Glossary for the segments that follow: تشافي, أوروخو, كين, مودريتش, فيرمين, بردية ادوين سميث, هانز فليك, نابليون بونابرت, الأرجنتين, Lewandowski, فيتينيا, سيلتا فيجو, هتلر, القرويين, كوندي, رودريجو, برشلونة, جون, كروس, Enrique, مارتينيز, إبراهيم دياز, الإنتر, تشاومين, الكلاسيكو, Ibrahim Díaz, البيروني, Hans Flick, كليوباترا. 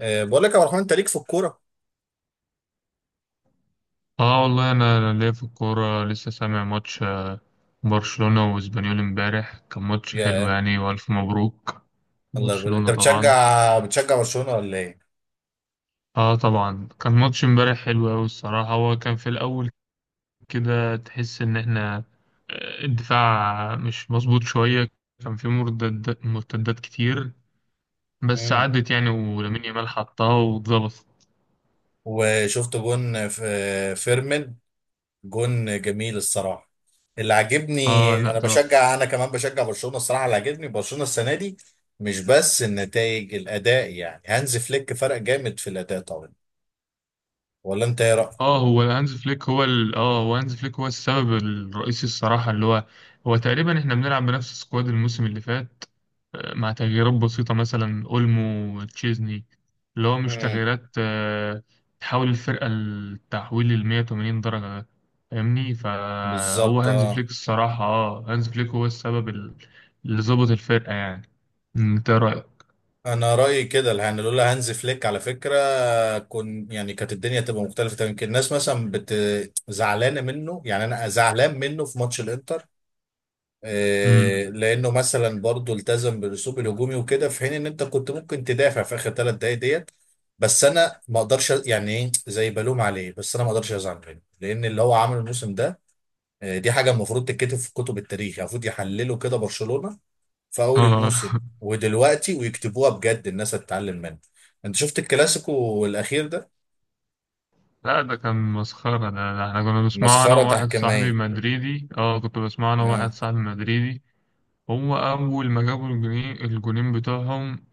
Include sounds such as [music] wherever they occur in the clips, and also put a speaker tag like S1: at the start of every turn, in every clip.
S1: بقول لك يا عبد الرحمن، انت ليك في الكوره؟
S2: اه والله، أنا ليا في الكوره. لسه سامع ماتش برشلونه واسبانيول امبارح. كان ماتش حلو
S1: يا
S2: يعني، والف مبروك
S1: الله يبارك. انت
S2: برشلونه طبعا.
S1: بتشجع برشلونه ولا ايه؟
S2: اه طبعا، كان ماتش امبارح حلو قوي الصراحه. هو كان في الاول كده، تحس ان احنا الدفاع مش مظبوط شويه. كان في مرتدات مرتدات كتير، بس
S1: امم
S2: عدت يعني، ولامين يامال حطها واتظبطت.
S1: وشفت جون في فيرمين. جون جميل الصراحه. اللي عاجبني،
S2: اه لا.
S1: انا كمان بشجع برشلونه الصراحه. اللي عاجبني برشلونه السنه دي مش بس النتائج، الاداء. يعني هانز فليك فرق جامد في الاداء طبعا. ولا انت ايه رايك؟
S2: اه، هو هانز فليك هو السبب الرئيسي الصراحة، اللي هو تقريبا احنا بنلعب بنفس السكواد الموسم اللي فات، مع تغييرات بسيطة مثلا اولمو، تشيزني. اللي هو مش
S1: امم.
S2: تغييرات، تحول الفرقة التحويل ل 180 درجة ده، فاهمني. فهو
S1: بالظبط
S2: هانز
S1: آه.
S2: فليك الصراحة، هانز فليك هو السبب اللي ظبط الفرقة يعني. انت رأيك؟
S1: انا رايي كده، يعني لولا هانز فليك على فكره كن يعني كانت الدنيا تبقى مختلفه تماما. يمكن الناس مثلا زعلانه منه. يعني انا زعلان منه في ماتش الانتر،
S2: مم.
S1: لانه مثلا برضه التزم بالاسلوب الهجومي وكده، في حين ان انت كنت ممكن تدافع في اخر 3 دقائق ديت. بس انا ما اقدرش أ- يعني ايه زي بلوم عليه. بس انا ما اقدرش ازعل منه، لان اللي هو عمله الموسم ده، دي حاجه المفروض تتكتب في كتب التاريخ. يعني المفروض يحلله كده برشلونه في اول
S2: اه.
S1: الموسم
S2: [laughs]
S1: ودلوقتي، ويكتبوها بجد الناس هتتعلم منها. انت شفت الكلاسيكو الاخير ده؟
S2: لا، ده كان مسخرة. ده احنا كنا بنسمعه أنا
S1: مسخره
S2: وواحد صاحبي
S1: تحكيميه.
S2: مدريدي اه كنت بسمعه أنا وواحد
S1: آه.
S2: صاحبي مدريدي. هو أول ما جابوا الجونين بتوعهم.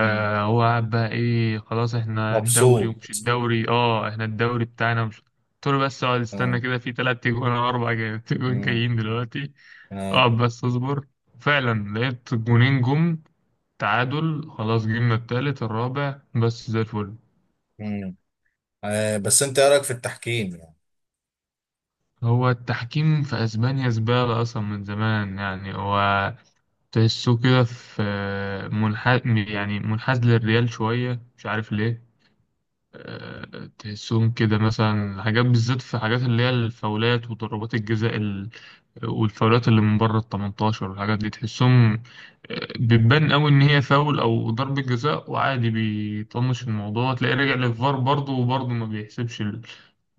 S1: مم.
S2: هو قعد بقى إيه، خلاص احنا الدوري
S1: مبسوط.
S2: ومش الدوري، احنا الدوري بتاعنا ومش، قلت له بس اقعد استنى
S1: آه.
S2: كده، في تلات تجوان أو أربع [laughs] تجوان
S1: مم.
S2: جايين دلوقتي.
S1: آه.
S2: اقعد بس اصبر، فعلا لقيت جونين جم، تعادل، خلاص جبنا التالت الرابع بس زي الفل.
S1: مم. آه. بس انت ايه رايك في التحكيم يعني؟
S2: هو التحكيم في اسبانيا زبالة اصلا من زمان يعني. هو تحسه كده منحاز، يعني منحاز للريال شوية، مش عارف ليه. تحسهم كده مثلا حاجات بالذات، في حاجات اللي هي الفاولات وضربات الجزاء والفاولات اللي من بره ال 18 والحاجات دي، تحسهم بتبان قوي ان هي فاول او ضربة جزاء، وعادي بيطنش الموضوع. تلاقيه راجع للفار برضه وبرضه ما بيحسبش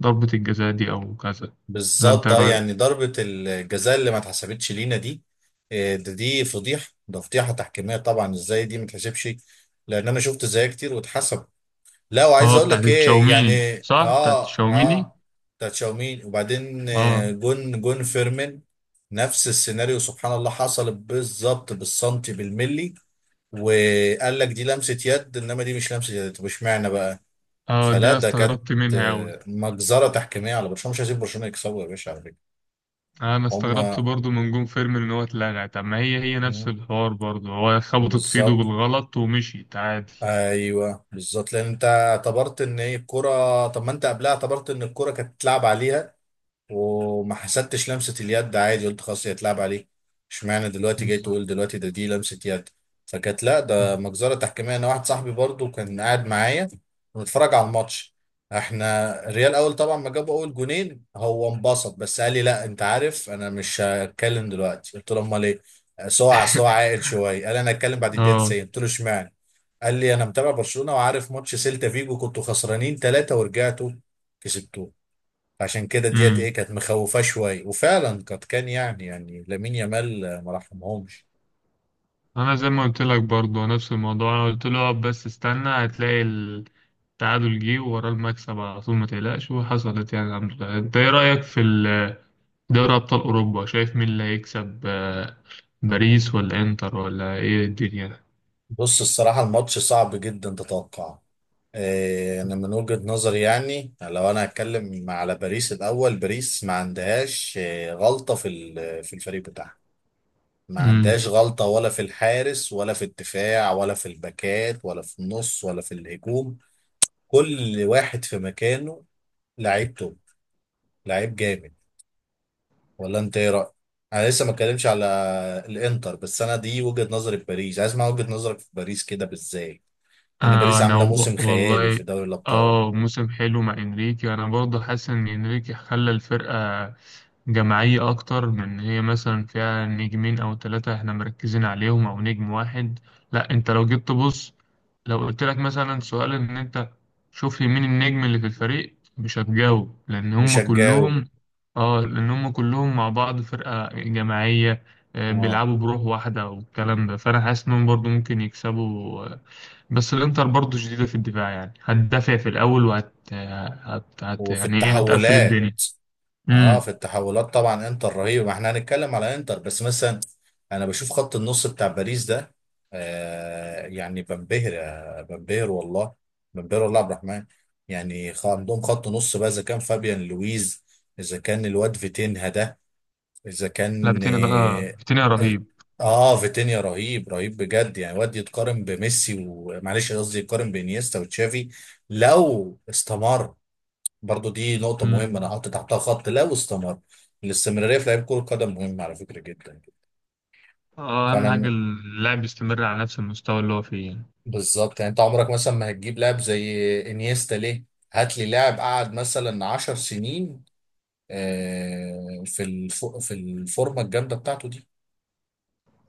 S2: ضربة الجزاء دي او كذا. ولا انت
S1: بالظبط.
S2: إيه
S1: اه
S2: رايك؟
S1: يعني ضربه الجزاء اللي ما اتحسبتش لينا دي، ده دي فضيحه، ده فضيحه تحكيميه طبعا. ازاي دي ما اتحسبش؟ لان انا شفت زيها كتير واتحسب. لا، وعايز
S2: اه
S1: اقول
S2: بتاعت
S1: لك ايه
S2: الشاوميني،
S1: يعني.
S2: صح، بتاعت
S1: اه
S2: الشاوميني.
S1: اه. بتاع تشاومين وبعدين،
S2: اه
S1: جون فيرمين، نفس السيناريو. سبحان الله حصل بالظبط بالسنتي بالملي. وقال لك دي لمسة يد، انما دي مش لمسة يد. طب اشمعنى بقى؟
S2: اه. دي
S1: فلا،
S2: انا
S1: ده كانت،
S2: استغربت منها اوي.
S1: مجزرة تحكيمية على برشلونة. مش هسيب برشلونة يكسبوا يا باشا على فكرة.
S2: انا استغربت
S1: هما.
S2: برضو من جون فيرمين ان هو اتلغى. طب ما هي نفس
S1: مم.
S2: الحوار برضو. هو خبطت في ايده
S1: بالظبط.
S2: بالغلط ومشيت عادي.
S1: ايوه بالظبط، لان انت اعتبرت ان ايه الكرة. طب ما انت قبلها اعتبرت ان الكرة كانت اتلعب عليها، وما حسدتش لمسة اليد عادي. قلت خلاص هي اتلعب عليه. اشمعنى دلوقتي جاي
S2: بالظبط.
S1: تقول دلوقتي ده دي لمسة يد؟ فكانت لا، ده مجزرة تحكيمية. انا واحد صاحبي برضو كان قاعد معايا ونتفرج على الماتش. احنا الريال، اول طبعا ما جابوا اول جونين، هو انبسط، بس قال لي لا، انت عارف انا مش هتكلم دلوقتي. قلت له امال ايه؟ أصل هو عاقل
S2: [laughs]
S1: شويه. قال انا هتكلم بعد الدقيقه
S2: اه.
S1: 90. قلت له اشمعنى؟ قال لي انا متابع برشلونه، وعارف ماتش سيلتا فيجو كنتوا خسرانين 3 ورجعتوا كسبتوا. عشان كده ديت ايه
S2: امم
S1: كانت مخوفاه شويه، وفعلا قد كان يعني لامين يامال ما رحمهمش.
S2: انا زي ما قلت لك برضو نفس الموضوع. انا قلت له اقعد بس استنى، هتلاقي التعادل جه وراه المكسب على طول، ما تقلقش. وحصلت يعني الحمد لله. انت ايه رايك في ال دوري أبطال أوروبا؟ شايف مين اللي هيكسب؟ باريس ولا إنتر ولا إيه الدنيا ده؟
S1: بص الصراحه الماتش صعب جدا تتوقع. انا من وجهه نظري، يعني لو انا هتكلم على باريس الاول. باريس ما عندهاش غلطه في الفريق بتاعها. ما
S2: امم
S1: عندهاش غلطه، ولا في الحارس، ولا في الدفاع، ولا في الباكات، ولا في النص، ولا في الهجوم. كل واحد في مكانه. لعيب توب. لعيب جامد. ولا انت ايه رايك؟ انا لسه ما اتكلمش على الانتر. بس انا دي وجهه نظري في باريس، عايز اسمع وجهه نظرك في باريس كده بالذات، لان باريس
S2: أنا
S1: عامله موسم خيالي
S2: والله،
S1: في دوري الابطال.
S2: موسم حلو مع إنريكي. أنا برضه حاسس إن إنريكي خلى الفرقة جماعية أكتر من إن هي مثلا فيها نجمين أو ثلاثة إحنا مركزين عليهم أو نجم واحد. لأ، أنت لو جيت تبص، لو قلت لك مثلا سؤال إن أنت شوف لي مين النجم اللي في الفريق، مش هتجاوب لأن
S1: مش
S2: هم
S1: هتجاوب.
S2: كلهم. آه لأن هم كلهم مع بعض فرقة جماعية.
S1: اه.
S2: بيلعبوا بروح واحدة والكلام ده. فأنا حاسس إنهم برضو ممكن يكسبوا. بس الإنتر برضو شديدة في الدفاع يعني، هتدافع في الأول
S1: وفي
S2: يعني إيه، هتقفل
S1: التحولات.
S2: الدنيا.
S1: اه
S2: مم.
S1: في التحولات طبعا انتر رهيب. ما احنا هنتكلم على انتر، بس مثلا انا بشوف خط النص بتاع باريس ده، آه يعني بنبهر، بنبهر والله، بنبهر والله عبد الرحمن. يعني عندهم خط نص بقى. اذا كان فابيان لويز، اذا كان الواد فيتينها ده، اذا
S2: لا،
S1: كان
S2: فيتينيا ده
S1: اه
S2: فيتينيا رهيب.
S1: فيتينيا رهيب، رهيب بجد. يعني واد يتقارن بميسي، ومعلش قصدي يتقارن بانيستا وتشافي، لو استمر. برضو دي نقطة
S2: مم.
S1: مهمة انا حاطط تحتها خط، لو استمر. الاستمرارية في لعيب كرة قدم مهمة على فكرة جدا.
S2: اه،
S1: فانا
S2: اهم حاجه
S1: م-
S2: اللاعب يستمر على نفس المستوى اللي هو فيه يعني.
S1: بالظبط. يعني انت عمرك مثلا ما هتجيب لاعب زي انيستا ليه؟ هات لي لاعب قعد مثلا 10 سنين، في الفورمة الجامدة بتاعته دي.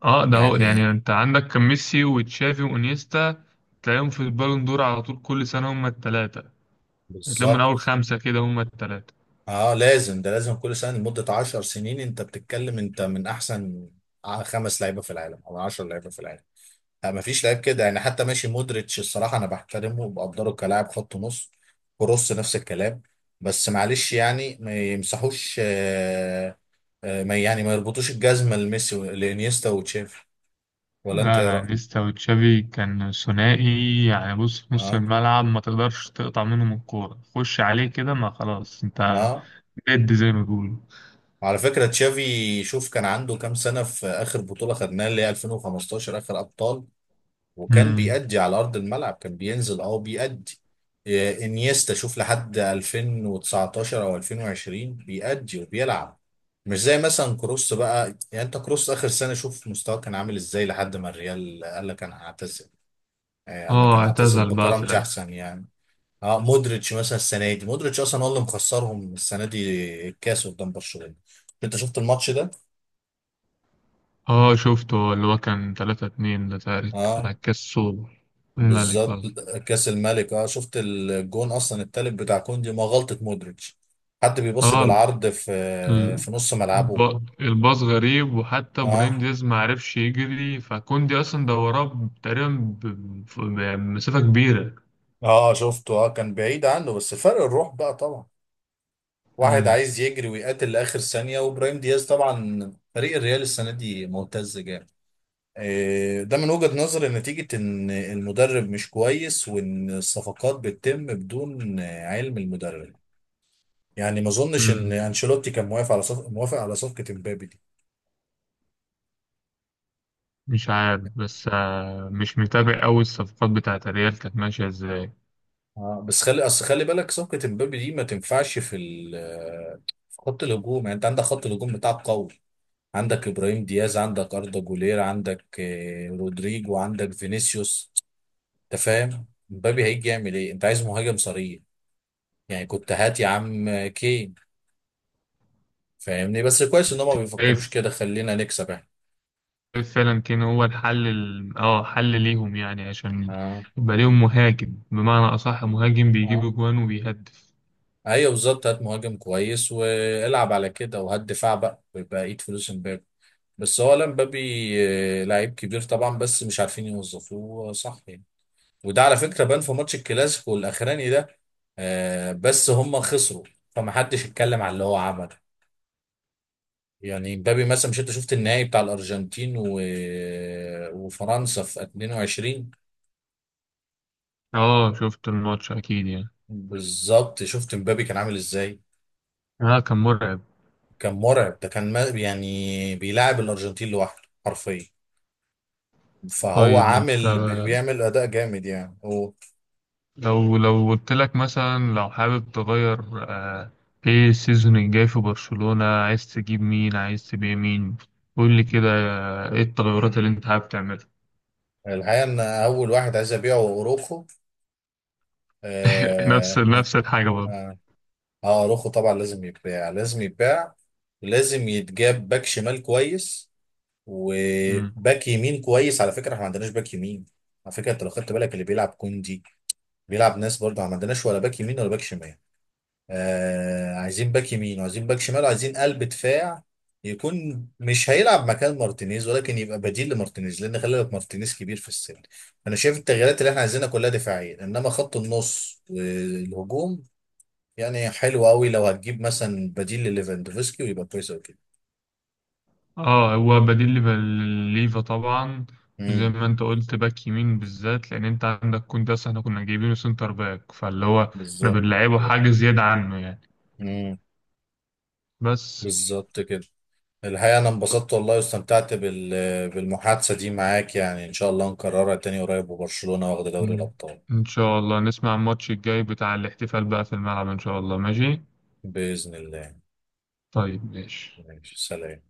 S2: اه، ده هو
S1: يعني
S2: يعني، انت عندك كان ميسي وتشافي وانيستا، تلاقيهم في البالون دور على طول، كل سنه هم الثلاثه. تلاقيهم من
S1: بالظبط.
S2: اول خمسه كده هم الثلاثه.
S1: اه لازم، ده لازم كل سنه لمده 10 سنين انت بتتكلم، انت من احسن خمس لعيبه في العالم او 10 لعيبه في العالم. آه مفيش لعيب كده، يعني حتى ماشي مودريتش الصراحه انا بحترمه وبقدره كلاعب خط نص. كروس نفس الكلام. بس معلش يعني ما يمسحوش آه. آه ما يعني ما يربطوش الجزمه لميسي لانيستا وتشافي. ولا انت
S2: لا
S1: ايه
S2: لا،
S1: رايك؟
S2: انيستا وتشافي كان ثنائي يعني. بص، في نص
S1: اه
S2: الملعب ما تقدرش تقطع منهم الكوره، خش عليه كده ما خلاص، انت
S1: اه.
S2: ديد زي ما بيقولوا.
S1: وعلى فكره تشافي، شوف كان عنده كام سنه في اخر بطوله خدناها اللي هي 2015، اخر ابطال. وكان
S2: مم.
S1: بيأدي على أرض الملعب، كان بينزل أه بيأدي. إيه، إنيستا شوف لحد 2019 أو 2020 بيأدي وبيلعب. مش زي مثلا كروس بقى. يعني أنت كروس آخر سنة شوف مستواه كان عامل إزاي، لحد ما الريال قال لك أنا هعتزل، قال لك
S2: اه،
S1: أنا هعتزل
S2: اعتزل بقى في
S1: بكرامتي
S2: الاخر.
S1: أحسن يعني. أه مودريتش مثلا السنة دي، مودريتش أصلا هو اللي مخسرهم السنة دي الكاس قدام برشلونة. أنت شفت الماتش ده؟
S2: اه شفته، اللي هو كان 3-2 ده تقريبا، بتاع
S1: أه.
S2: الكسول، الملك
S1: بالظبط.
S2: قصدي.
S1: كاس الملك. اه شفت الجون اصلا التالت بتاع كوندي، ما غلطة مودريتش. حد بيبص
S2: اه،
S1: بالعرض في
S2: ال-
S1: في نص ملعبه؟
S2: الب... الباص غريب، وحتى ابراهيم
S1: اه.
S2: دياز ما عرفش يجري، فكوندي اصلا ده وراه تقريبا بمسافة كبيرة.
S1: اه شفته، اه كان بعيد عنه، بس فرق الروح بقى طبعا. واحد
S2: مم.
S1: عايز يجري ويقاتل لاخر ثانية، وابراهيم دياز. طبعا فريق الريال السنة دي ممتاز جامد. ده من وجهة نظري نتيجة ان المدرب مش كويس، وان الصفقات بتتم بدون علم المدرب. يعني ما اظنش ان
S2: مم.
S1: انشيلوتي كان موافق على موافق على صفقة امبابي دي.
S2: مش عارف، بس مش متابع أوي الصفقات بتاعت الريال كانت ماشية ازاي.
S1: اه بس خلي بالك صفقة امبابي دي ما تنفعش في ال، في خط الهجوم. يعني انت عندك خط الهجوم بتاعك قوي. عندك ابراهيم دياز، عندك اردا جولير، عندك رودريجو، عندك فينيسيوس. انت فاهم امبابي هيجي يعمل ايه؟ انت عايز مهاجم صريح، يعني كنت هات يا عم كين. فاهمني؟ بس كويس ان هم ما بيفكروش كده، خلينا نكسب احنا.
S2: فعلا كان هو الحل ال... اه حل ليهم يعني، عشان
S1: اه
S2: يبقى ليهم مهاجم بمعنى أصح، مهاجم بيجيب
S1: اه.
S2: أجوان وبيهدف.
S1: ايوه بالظبط، هات مهاجم كويس والعب على كده، وهات دفاع بقى بقية فلوس امبابي. بس هو، لا مبابي لعيب كبير طبعا، بس مش عارفين يوظفوه صح يعني. وده على فكرة بان في ماتش الكلاسيكو الاخراني ده، بس هم خسروا، فمحدش اتكلم على اللي هو عمله. يعني مبابي مثلا، مش انت شفت النهائي بتاع الارجنتين وفرنسا في 22؟
S2: اه شفت الماتش أكيد يعني.
S1: بالظبط. شفت مبابي كان عامل ازاي؟
S2: اه كان مرعب.
S1: كان مرعب. ده كان ما... يعني بيلاعب الارجنتين لوحده حرفيا. فهو
S2: طيب انت،
S1: عامل بيعمل اداء جامد يعني.
S2: لو قلت لك مثلا، لو حابب تغير ايه السيزون الجاي في برشلونة، عايز تجيب مين، عايز تبيع مين؟ قول لي كده، ايه التغيرات اللي انت حابب تعملها؟
S1: الحقيقة إن أول واحد عايز أبيعه هو أوروخو.
S2: [laughs] نفس
S1: آه.
S2: نفس الحاجة.
S1: آه. أوروخو طبعا لازم يتباع، لازم يتباع. لازم يتجاب باك شمال كويس،
S2: برضه.
S1: وباك يمين كويس على فكرة. إحنا ما عندناش باك يمين على فكرة. أنت لو خدت بالك اللي بيلعب كوندي، بيلعب ناس. برضه ما عندناش ولا باك يمين ولا باك شمال. آه عايزين باك يمين، وعايزين باك شمال، وعايزين قلب دفاع يكون مش هيلعب مكان مارتينيز، ولكن يبقى بديل لمارتينيز، لان خلي بالك مارتينيز كبير في السن. انا شايف التغييرات اللي احنا عايزينها كلها دفاعيه. انما خط النص والهجوم يعني حلو قوي، لو هتجيب مثلا بديل لليفاندوفسكي ويبقى كويس قوي كده.
S2: اه هو بديل ليفا، ليفا طبعا. وزي
S1: امم.
S2: ما انت قلت باك يمين بالذات، لان انت عندك كونداس احنا كنا جايبينه سنتر باك، فاللي هو احنا
S1: بالظبط.
S2: بنلعبه حاجة زيادة عنه يعني.
S1: امم.
S2: بس.
S1: بالظبط كده. الحقيقه انا انبسطت والله، واستمتعت بالمحادثه دي معاك. يعني ان شاء الله نكررها تاني قريب، وبرشلونه واخد دوري
S2: مم.
S1: الابطال
S2: ان شاء الله نسمع الماتش الجاي بتاع الاحتفال بقى في الملعب، ان شاء الله ماشي.
S1: باذن الله.
S2: طيب ماشي.
S1: ماشي، سلام.